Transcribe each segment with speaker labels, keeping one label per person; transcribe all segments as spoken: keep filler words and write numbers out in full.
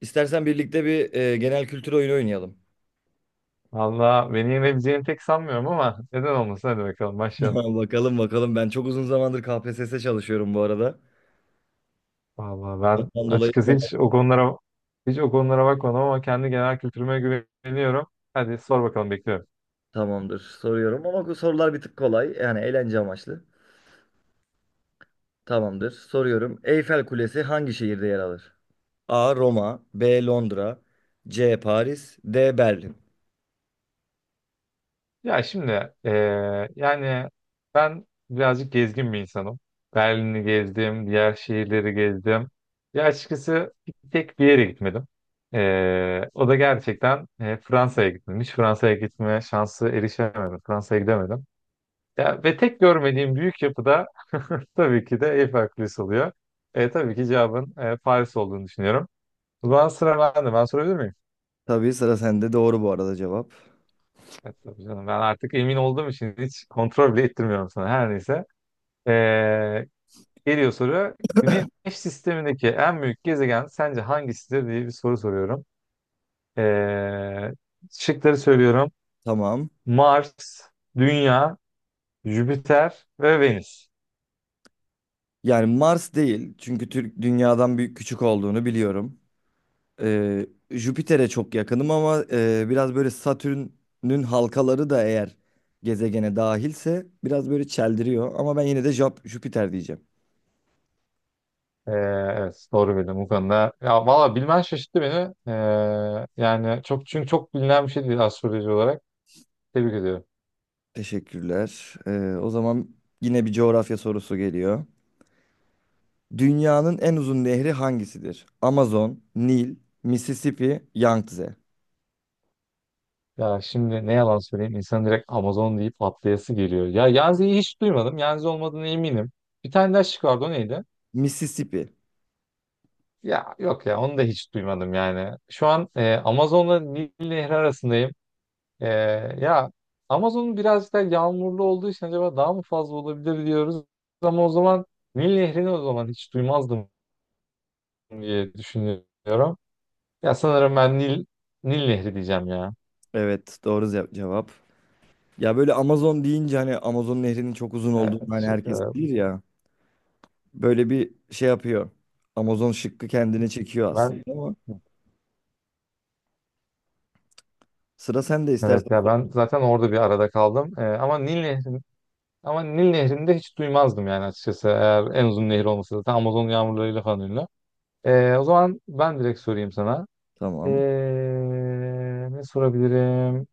Speaker 1: İstersen birlikte bir e, genel kültür oyunu oynayalım.
Speaker 2: Valla beni yenebileceğini pek sanmıyorum ama neden olmasın, hadi bakalım başlayalım.
Speaker 1: Bakalım bakalım. Ben çok uzun zamandır K P S S çalışıyorum bu arada.
Speaker 2: Valla ben
Speaker 1: Ondan dolayı
Speaker 2: açıkçası hiç o konulara hiç o konulara bakmadım ama kendi genel kültürüme güveniyorum. Hadi sor bakalım, bekliyorum.
Speaker 1: tamamdır. Soruyorum ama bu sorular bir tık kolay. Yani eğlence amaçlı. Tamamdır. Soruyorum. Eyfel Kulesi hangi şehirde yer alır? A. Roma, B. Londra, C. Paris, D. Berlin.
Speaker 2: Ya şimdi eee, yani ben birazcık gezgin bir insanım. Berlin'i gezdim, diğer şehirleri gezdim. Ya açıkçası bir tek bir yere gitmedim. Eee, o da gerçekten eee, Fransa'ya gittim. Hiç Fransa'ya gitme şansı erişemedim. Fransa'ya gidemedim. Ya, ve tek görmediğim büyük yapıda tabii ki de Eiffel Kulesi oluyor. E, tabii ki cevabın e, Paris olduğunu düşünüyorum. O zaman sıra bende. Ben sorabilir miyim?
Speaker 1: Tabii sıra sende. Doğru bu arada cevap.
Speaker 2: Evet, tabii canım. Ben artık emin olduğum için hiç kontrol bile ettirmiyorum sana. Her neyse. E, Geliyor soru. Güneş sistemindeki en büyük gezegen sence hangisidir diye bir soru soruyorum. E, Şıkları söylüyorum.
Speaker 1: Tamam.
Speaker 2: Mars, Dünya, Jüpiter ve Venüs.
Speaker 1: Yani Mars değil, çünkü Türk dünyadan büyük küçük olduğunu biliyorum. Ee, Jüpiter'e çok yakınım ama e, biraz böyle Satürn'ün halkaları da eğer gezegene dahilse biraz böyle çeldiriyor. Ama ben yine de Jap- Jüpiter diyeceğim.
Speaker 2: Ee, evet, doğru bildim bu konuda. Ya valla bilmen şaşırttı beni. Ee, yani çok çünkü çok bilinen bir şey değil astroloji olarak. Tebrik ediyorum.
Speaker 1: Teşekkürler. Ee, o zaman yine bir coğrafya sorusu geliyor. Dünyanın en uzun nehri hangisidir? Amazon, Nil, Mississippi, Yangtze.
Speaker 2: Ya şimdi ne yalan söyleyeyim, insan direkt Amazon deyip atlayası geliyor. Ya Yanzi'yi hiç duymadım. Yanzi olmadığına eminim. Bir tane daha şık vardı, o neydi?
Speaker 1: Mississippi.
Speaker 2: Ya yok ya, onu da hiç duymadım yani. Şu an e, Amazon'la Nil Nehri arasındayım. E, Ya Amazon'un biraz da yağmurlu olduğu için acaba daha mı fazla olabilir diyoruz. Ama o zaman Nil Nehri'ni o zaman hiç duymazdım. diye düşünüyorum. Ya sanırım ben Nil Nil Nehri diyeceğim ya.
Speaker 1: Evet, doğru ce- cevap. Ya böyle Amazon deyince hani Amazon nehrinin çok uzun
Speaker 2: Evet,
Speaker 1: olduğunu hani
Speaker 2: teşekkür
Speaker 1: herkes
Speaker 2: ederim.
Speaker 1: bilir ya. Böyle bir şey yapıyor. Amazon şıkkı kendine çekiyor aslında
Speaker 2: Ben
Speaker 1: ama sıra sen de istersen
Speaker 2: evet ya,
Speaker 1: sor.
Speaker 2: ben zaten orada bir arada kaldım. Ee, ama Nil Nehri ama Nil Nehri'ni de hiç duymazdım yani açıkçası. Eğer en uzun nehir olması, zaten Amazon yağmurlarıyla falan ünlü. Ee, o zaman ben direkt sorayım sana. Ee,
Speaker 1: Tamam.
Speaker 2: Ne sorabilirim?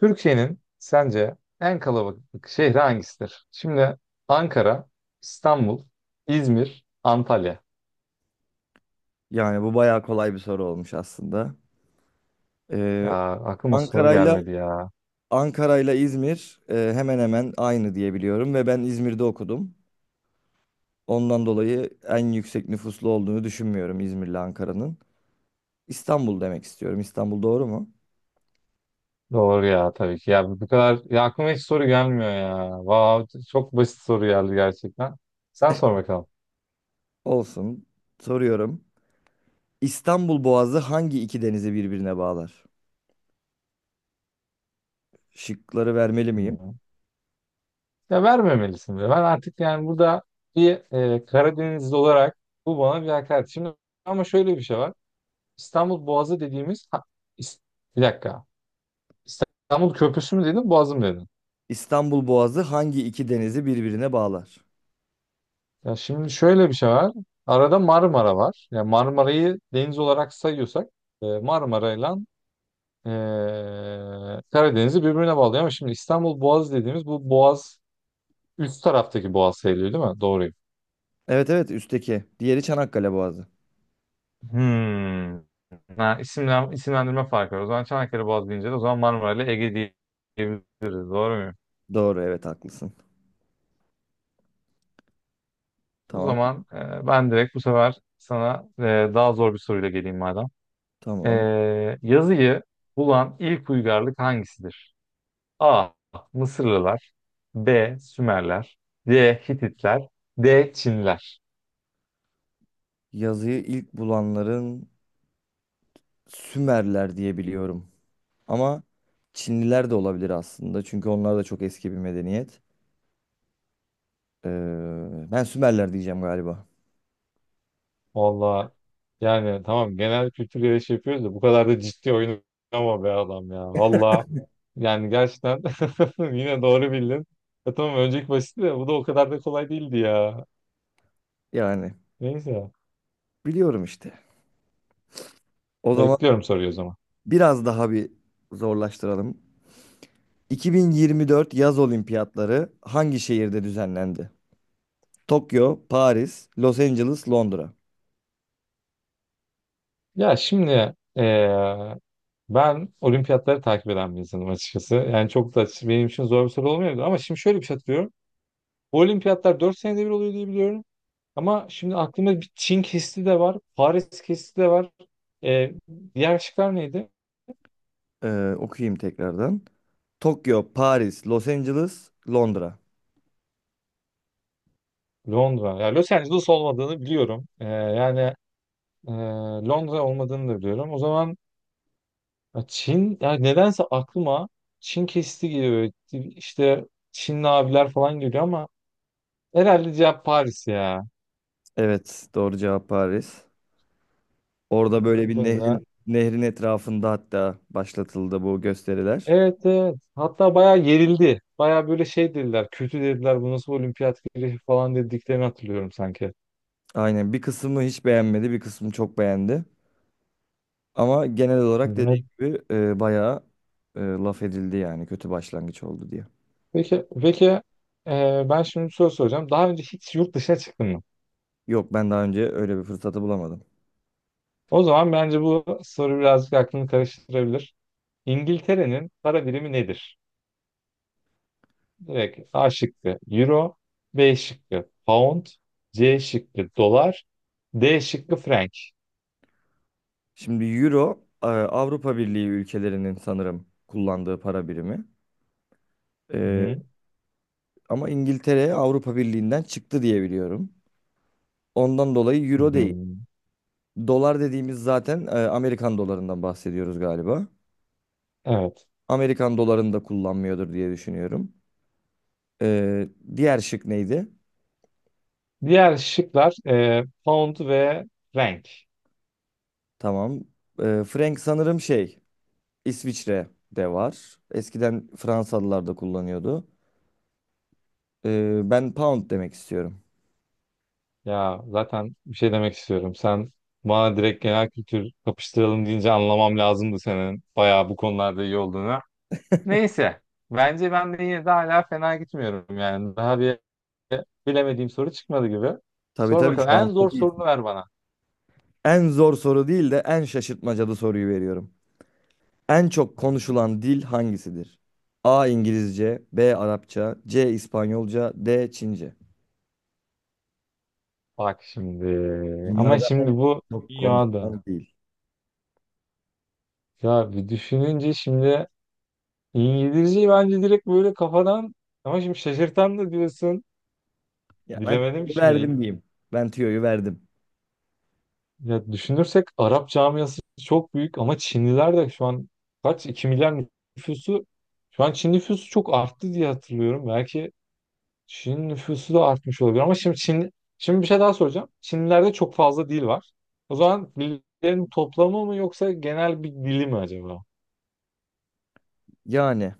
Speaker 2: Türkiye'nin sence en kalabalık şehri hangisidir? Şimdi Ankara, İstanbul, İzmir, Antalya.
Speaker 1: Yani bu bayağı kolay bir soru olmuş aslında. Ee,
Speaker 2: Ya aklıma soru
Speaker 1: Ankara'yla
Speaker 2: gelmedi ya.
Speaker 1: Ankara'yla İzmir e, hemen hemen aynı diye biliyorum ve ben İzmir'de okudum. Ondan dolayı en yüksek nüfuslu olduğunu düşünmüyorum İzmir'le Ankara'nın. İstanbul demek istiyorum. İstanbul doğru mu?
Speaker 2: Doğru ya tabii ki. Ya bu kadar, ya aklıma hiç soru gelmiyor ya. Vav, çok basit soru geldi gerçekten. Sen sor bakalım.
Speaker 1: Olsun. Soruyorum. İstanbul Boğazı hangi iki denizi birbirine bağlar? Şıkları vermeli miyim?
Speaker 2: Hmm. Ya vermemelisin be. Ben artık yani burada bir e, Karadenizli olarak bu bana bir hakaret. Şimdi ama şöyle bir şey var. İstanbul Boğazı dediğimiz ha, is- bir dakika. İstanbul Köprüsü mü dedin, Boğazı mı dedin?
Speaker 1: İstanbul Boğazı hangi iki denizi birbirine bağlar?
Speaker 2: Ya şimdi şöyle bir şey var. Arada Marmara var. Ya Marmara'yı deniz olarak sayıyorsak e, Marmara'yla Ee, Karadeniz'i birbirine bağlıyor, ama şimdi İstanbul Boğazı dediğimiz bu Boğaz üst taraftaki Boğaz sayılıyor değil mi? Doğruyum.
Speaker 1: Evet, evet, üstteki. Diğeri Çanakkale Boğazı.
Speaker 2: Hmm. Ha, isimlen, isimlendirme farkı var. O zaman Çanakkale Boğazı deyince de o zaman Marmara ile Ege diye- diyebiliriz. Doğru muyum?
Speaker 1: Doğru, evet, haklısın.
Speaker 2: O
Speaker 1: Tamam
Speaker 2: zaman e, ben direkt bu sefer sana e, daha zor bir soruyla geleyim madem. E,
Speaker 1: tamam.
Speaker 2: Yazıyı bulan ilk uygarlık hangisidir? A. Mısırlılar, B. Sümerler, C. Hititler, D. Çinliler.
Speaker 1: Yazıyı ilk bulanların Sümerler diye biliyorum. Ama Çinliler de olabilir aslında, çünkü onlar da çok eski bir medeniyet. Ee, ben Sümerler diyeceğim galiba.
Speaker 2: Valla yani tamam, genel kültür yarışı yapıyoruz da bu kadar da ciddi oyun ama be adam ya. Valla yani gerçekten yine doğru bildin. Ya tamam, önceki basitti de bu da o kadar da kolay değildi ya.
Speaker 1: Yani
Speaker 2: Neyse,
Speaker 1: biliyorum işte. O zaman
Speaker 2: bekliyorum soruyu o zaman.
Speaker 1: biraz daha bir zorlaştıralım. iki bin yirmi dört yaz olimpiyatları hangi şehirde düzenlendi? Tokyo, Paris, Los Angeles, Londra.
Speaker 2: Ya şimdi eee, ben olimpiyatları takip eden bir insanım açıkçası. Yani çok da benim için zor bir soru olmayabilir ama şimdi şöyle bir şey hatırlıyorum. Bu olimpiyatlar dört senede bir oluyor diye biliyorum. Ama şimdi aklımda bir Çin kesti de var, Paris kesti de var. Ee, Diğer şıklar neydi?
Speaker 1: Ee, okuyayım tekrardan. Tokyo, Paris, Los Angeles, Londra.
Speaker 2: Londra. Ya Los Angeles olmadığını biliyorum. Ee, yani e, Londra olmadığını da biliyorum. O zaman ya Çin, ya nedense aklıma Çin kesti geliyor. İşte Çinli abiler falan geliyor ama herhalde cevap Paris ya.
Speaker 1: Evet, doğru cevap Paris. Orada böyle
Speaker 2: Bu
Speaker 1: bir
Speaker 2: konuda.
Speaker 1: nehrin nehrin etrafında hatta başlatıldı bu gösteriler.
Speaker 2: Evet, evet. Hatta bayağı yerildi. Bayağı böyle şey dediler. Kötü dediler. Bu nasıl olimpiyat güreşi falan dediklerini hatırlıyorum sanki.
Speaker 1: Aynen, bir kısmı hiç beğenmedi, bir kısmı çok beğendi. Ama genel olarak
Speaker 2: Evet.
Speaker 1: dediğim gibi e, bayağı e, laf edildi yani kötü başlangıç oldu diye.
Speaker 2: Peki, peki, e, ben şimdi bir soru soracağım. Daha önce hiç yurt dışına çıktın mı?
Speaker 1: Yok, ben daha önce öyle bir fırsatı bulamadım.
Speaker 2: O zaman bence bu soru birazcık aklını karıştırabilir. İngiltere'nin para birimi nedir? Direkt A şıkkı Euro, B şıkkı Pound, C şıkkı Dolar, D şıkkı Frank.
Speaker 1: Şimdi Euro e, Avrupa Birliği ülkelerinin sanırım kullandığı para birimi. E,
Speaker 2: Hı-hı.
Speaker 1: ama İngiltere Avrupa Birliği'nden çıktı diye biliyorum. Ondan dolayı Euro değil. Dolar dediğimiz zaten e, Amerikan dolarından bahsediyoruz galiba.
Speaker 2: Evet.
Speaker 1: Amerikan dolarını da kullanmıyordur diye düşünüyorum. E, diğer şık neydi?
Speaker 2: Diğer şıklar e, Pound ve Frank.
Speaker 1: Tamam. Ee, Frank sanırım şey İsviçre de var. Eskiden Fransalılar da kullanıyordu. Ee, ben pound demek istiyorum.
Speaker 2: Ya zaten bir şey demek istiyorum. Sen bana direkt genel kültür kapıştıralım deyince anlamam lazımdı senin bayağı bu konularda iyi olduğunu. Neyse. Bence ben de yine de hala fena gitmiyorum yani. Daha bir bilemediğim soru çıkmadı gibi.
Speaker 1: Tabii
Speaker 2: Sor
Speaker 1: tabii
Speaker 2: bakalım.
Speaker 1: şu
Speaker 2: En
Speaker 1: an
Speaker 2: zor
Speaker 1: çok iyi.
Speaker 2: sorunu ver bana.
Speaker 1: En zor soru değil de en şaşırtmacalı soruyu veriyorum. En çok konuşulan dil hangisidir? A. İngilizce, B. Arapça, C. İspanyolca, D. Çince.
Speaker 2: Bak şimdi. Ama
Speaker 1: Dünyada
Speaker 2: şimdi
Speaker 1: en
Speaker 2: bu
Speaker 1: çok
Speaker 2: dünyada.
Speaker 1: konuşulan dil.
Speaker 2: Ya bir düşününce şimdi İngilizceyi bence direkt böyle kafadan, ama şimdi şaşırtan da diyorsun.
Speaker 1: Ya ben
Speaker 2: Bilemedim ki
Speaker 1: tüyoyu
Speaker 2: şimdi.
Speaker 1: verdim diyeyim. Ben tüyoyu verdim.
Speaker 2: Ya düşünürsek Arap camiası çok büyük ama Çinliler de şu an, kaç, iki milyar nüfusu, şu an Çin nüfusu çok arttı diye hatırlıyorum. Belki Çin nüfusu da artmış olabilir ama şimdi Çin, şimdi bir şey daha soracağım. Çinlilerde çok fazla dil var. O zaman dillerin toplamı mı yoksa genel bir dili mi acaba?
Speaker 1: Yani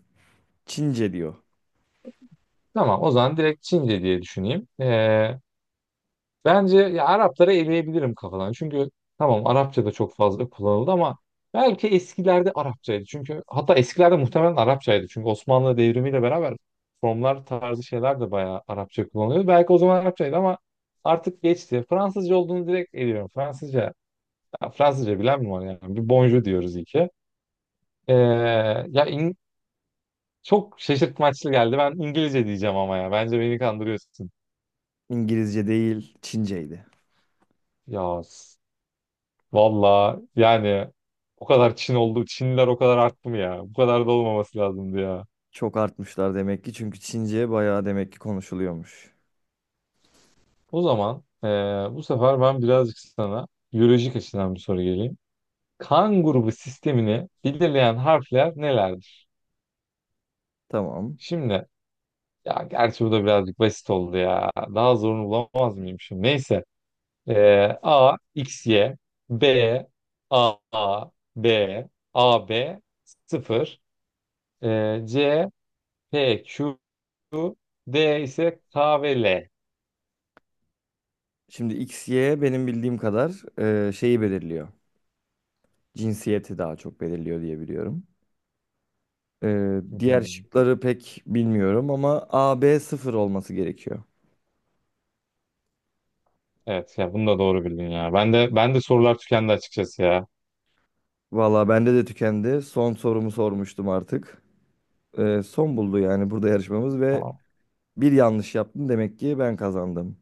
Speaker 1: Çince diyor.
Speaker 2: Tamam, o zaman direkt Çince diye düşüneyim. Ee, Bence ya Arapları eleyebilirim kafadan. Çünkü tamam Arapça da çok fazla kullanıldı ama belki eskilerde Arapçaydı. Çünkü hatta eskilerde muhtemelen Arapçaydı. Çünkü Osmanlı devrimiyle beraber formlar tarzı şeyler de bayağı Arapça kullanılıyordu. Belki o zaman Arapçaydı ama artık geçti. Fransızca olduğunu direkt eliyorum. Fransızca, ya Fransızca bilen mi var yani? Bir bonjour diyoruz iyi ki. Ee, Ya in- çok şaşırtmaçlı geldi. Ben İngilizce diyeceğim ama ya. Bence beni kandırıyorsun.
Speaker 1: İngilizce değil, Çinceydi.
Speaker 2: Ya valla yani o kadar Çin oldu. Çinliler o kadar arttı mı ya? Bu kadar da olmaması lazımdı ya.
Speaker 1: Çok artmışlar demek ki, çünkü Çince bayağı demek ki konuşuluyormuş.
Speaker 2: O zaman eee, bu sefer ben birazcık sana biyolojik açıdan bir soru geleyim. Kan grubu sistemini belirleyen harfler nelerdir?
Speaker 1: Tamam.
Speaker 2: Şimdi ya gerçi bu da birazcık basit oldu ya. Daha zorunu bulamaz mıyım şimdi? Neyse. Eee A, X, Y, B, A, A, B, A, B, sıfır, eee, C, P, Q, Su, D ise K ve L.
Speaker 1: Şimdi x y benim bildiğim kadar e, şeyi belirliyor. Cinsiyeti daha çok belirliyor diye biliyorum. E,
Speaker 2: Hı
Speaker 1: diğer
Speaker 2: hı.
Speaker 1: şıkları pek bilmiyorum ama a b sıfır olması gerekiyor.
Speaker 2: Evet ya, bunu da doğru bildin ya. Ben de ben de sorular tükendi açıkçası ya.
Speaker 1: Valla bende de tükendi. Son sorumu sormuştum artık. E, son buldu yani burada yarışmamız ve
Speaker 2: Tamam.
Speaker 1: bir yanlış yaptım demek ki ben kazandım.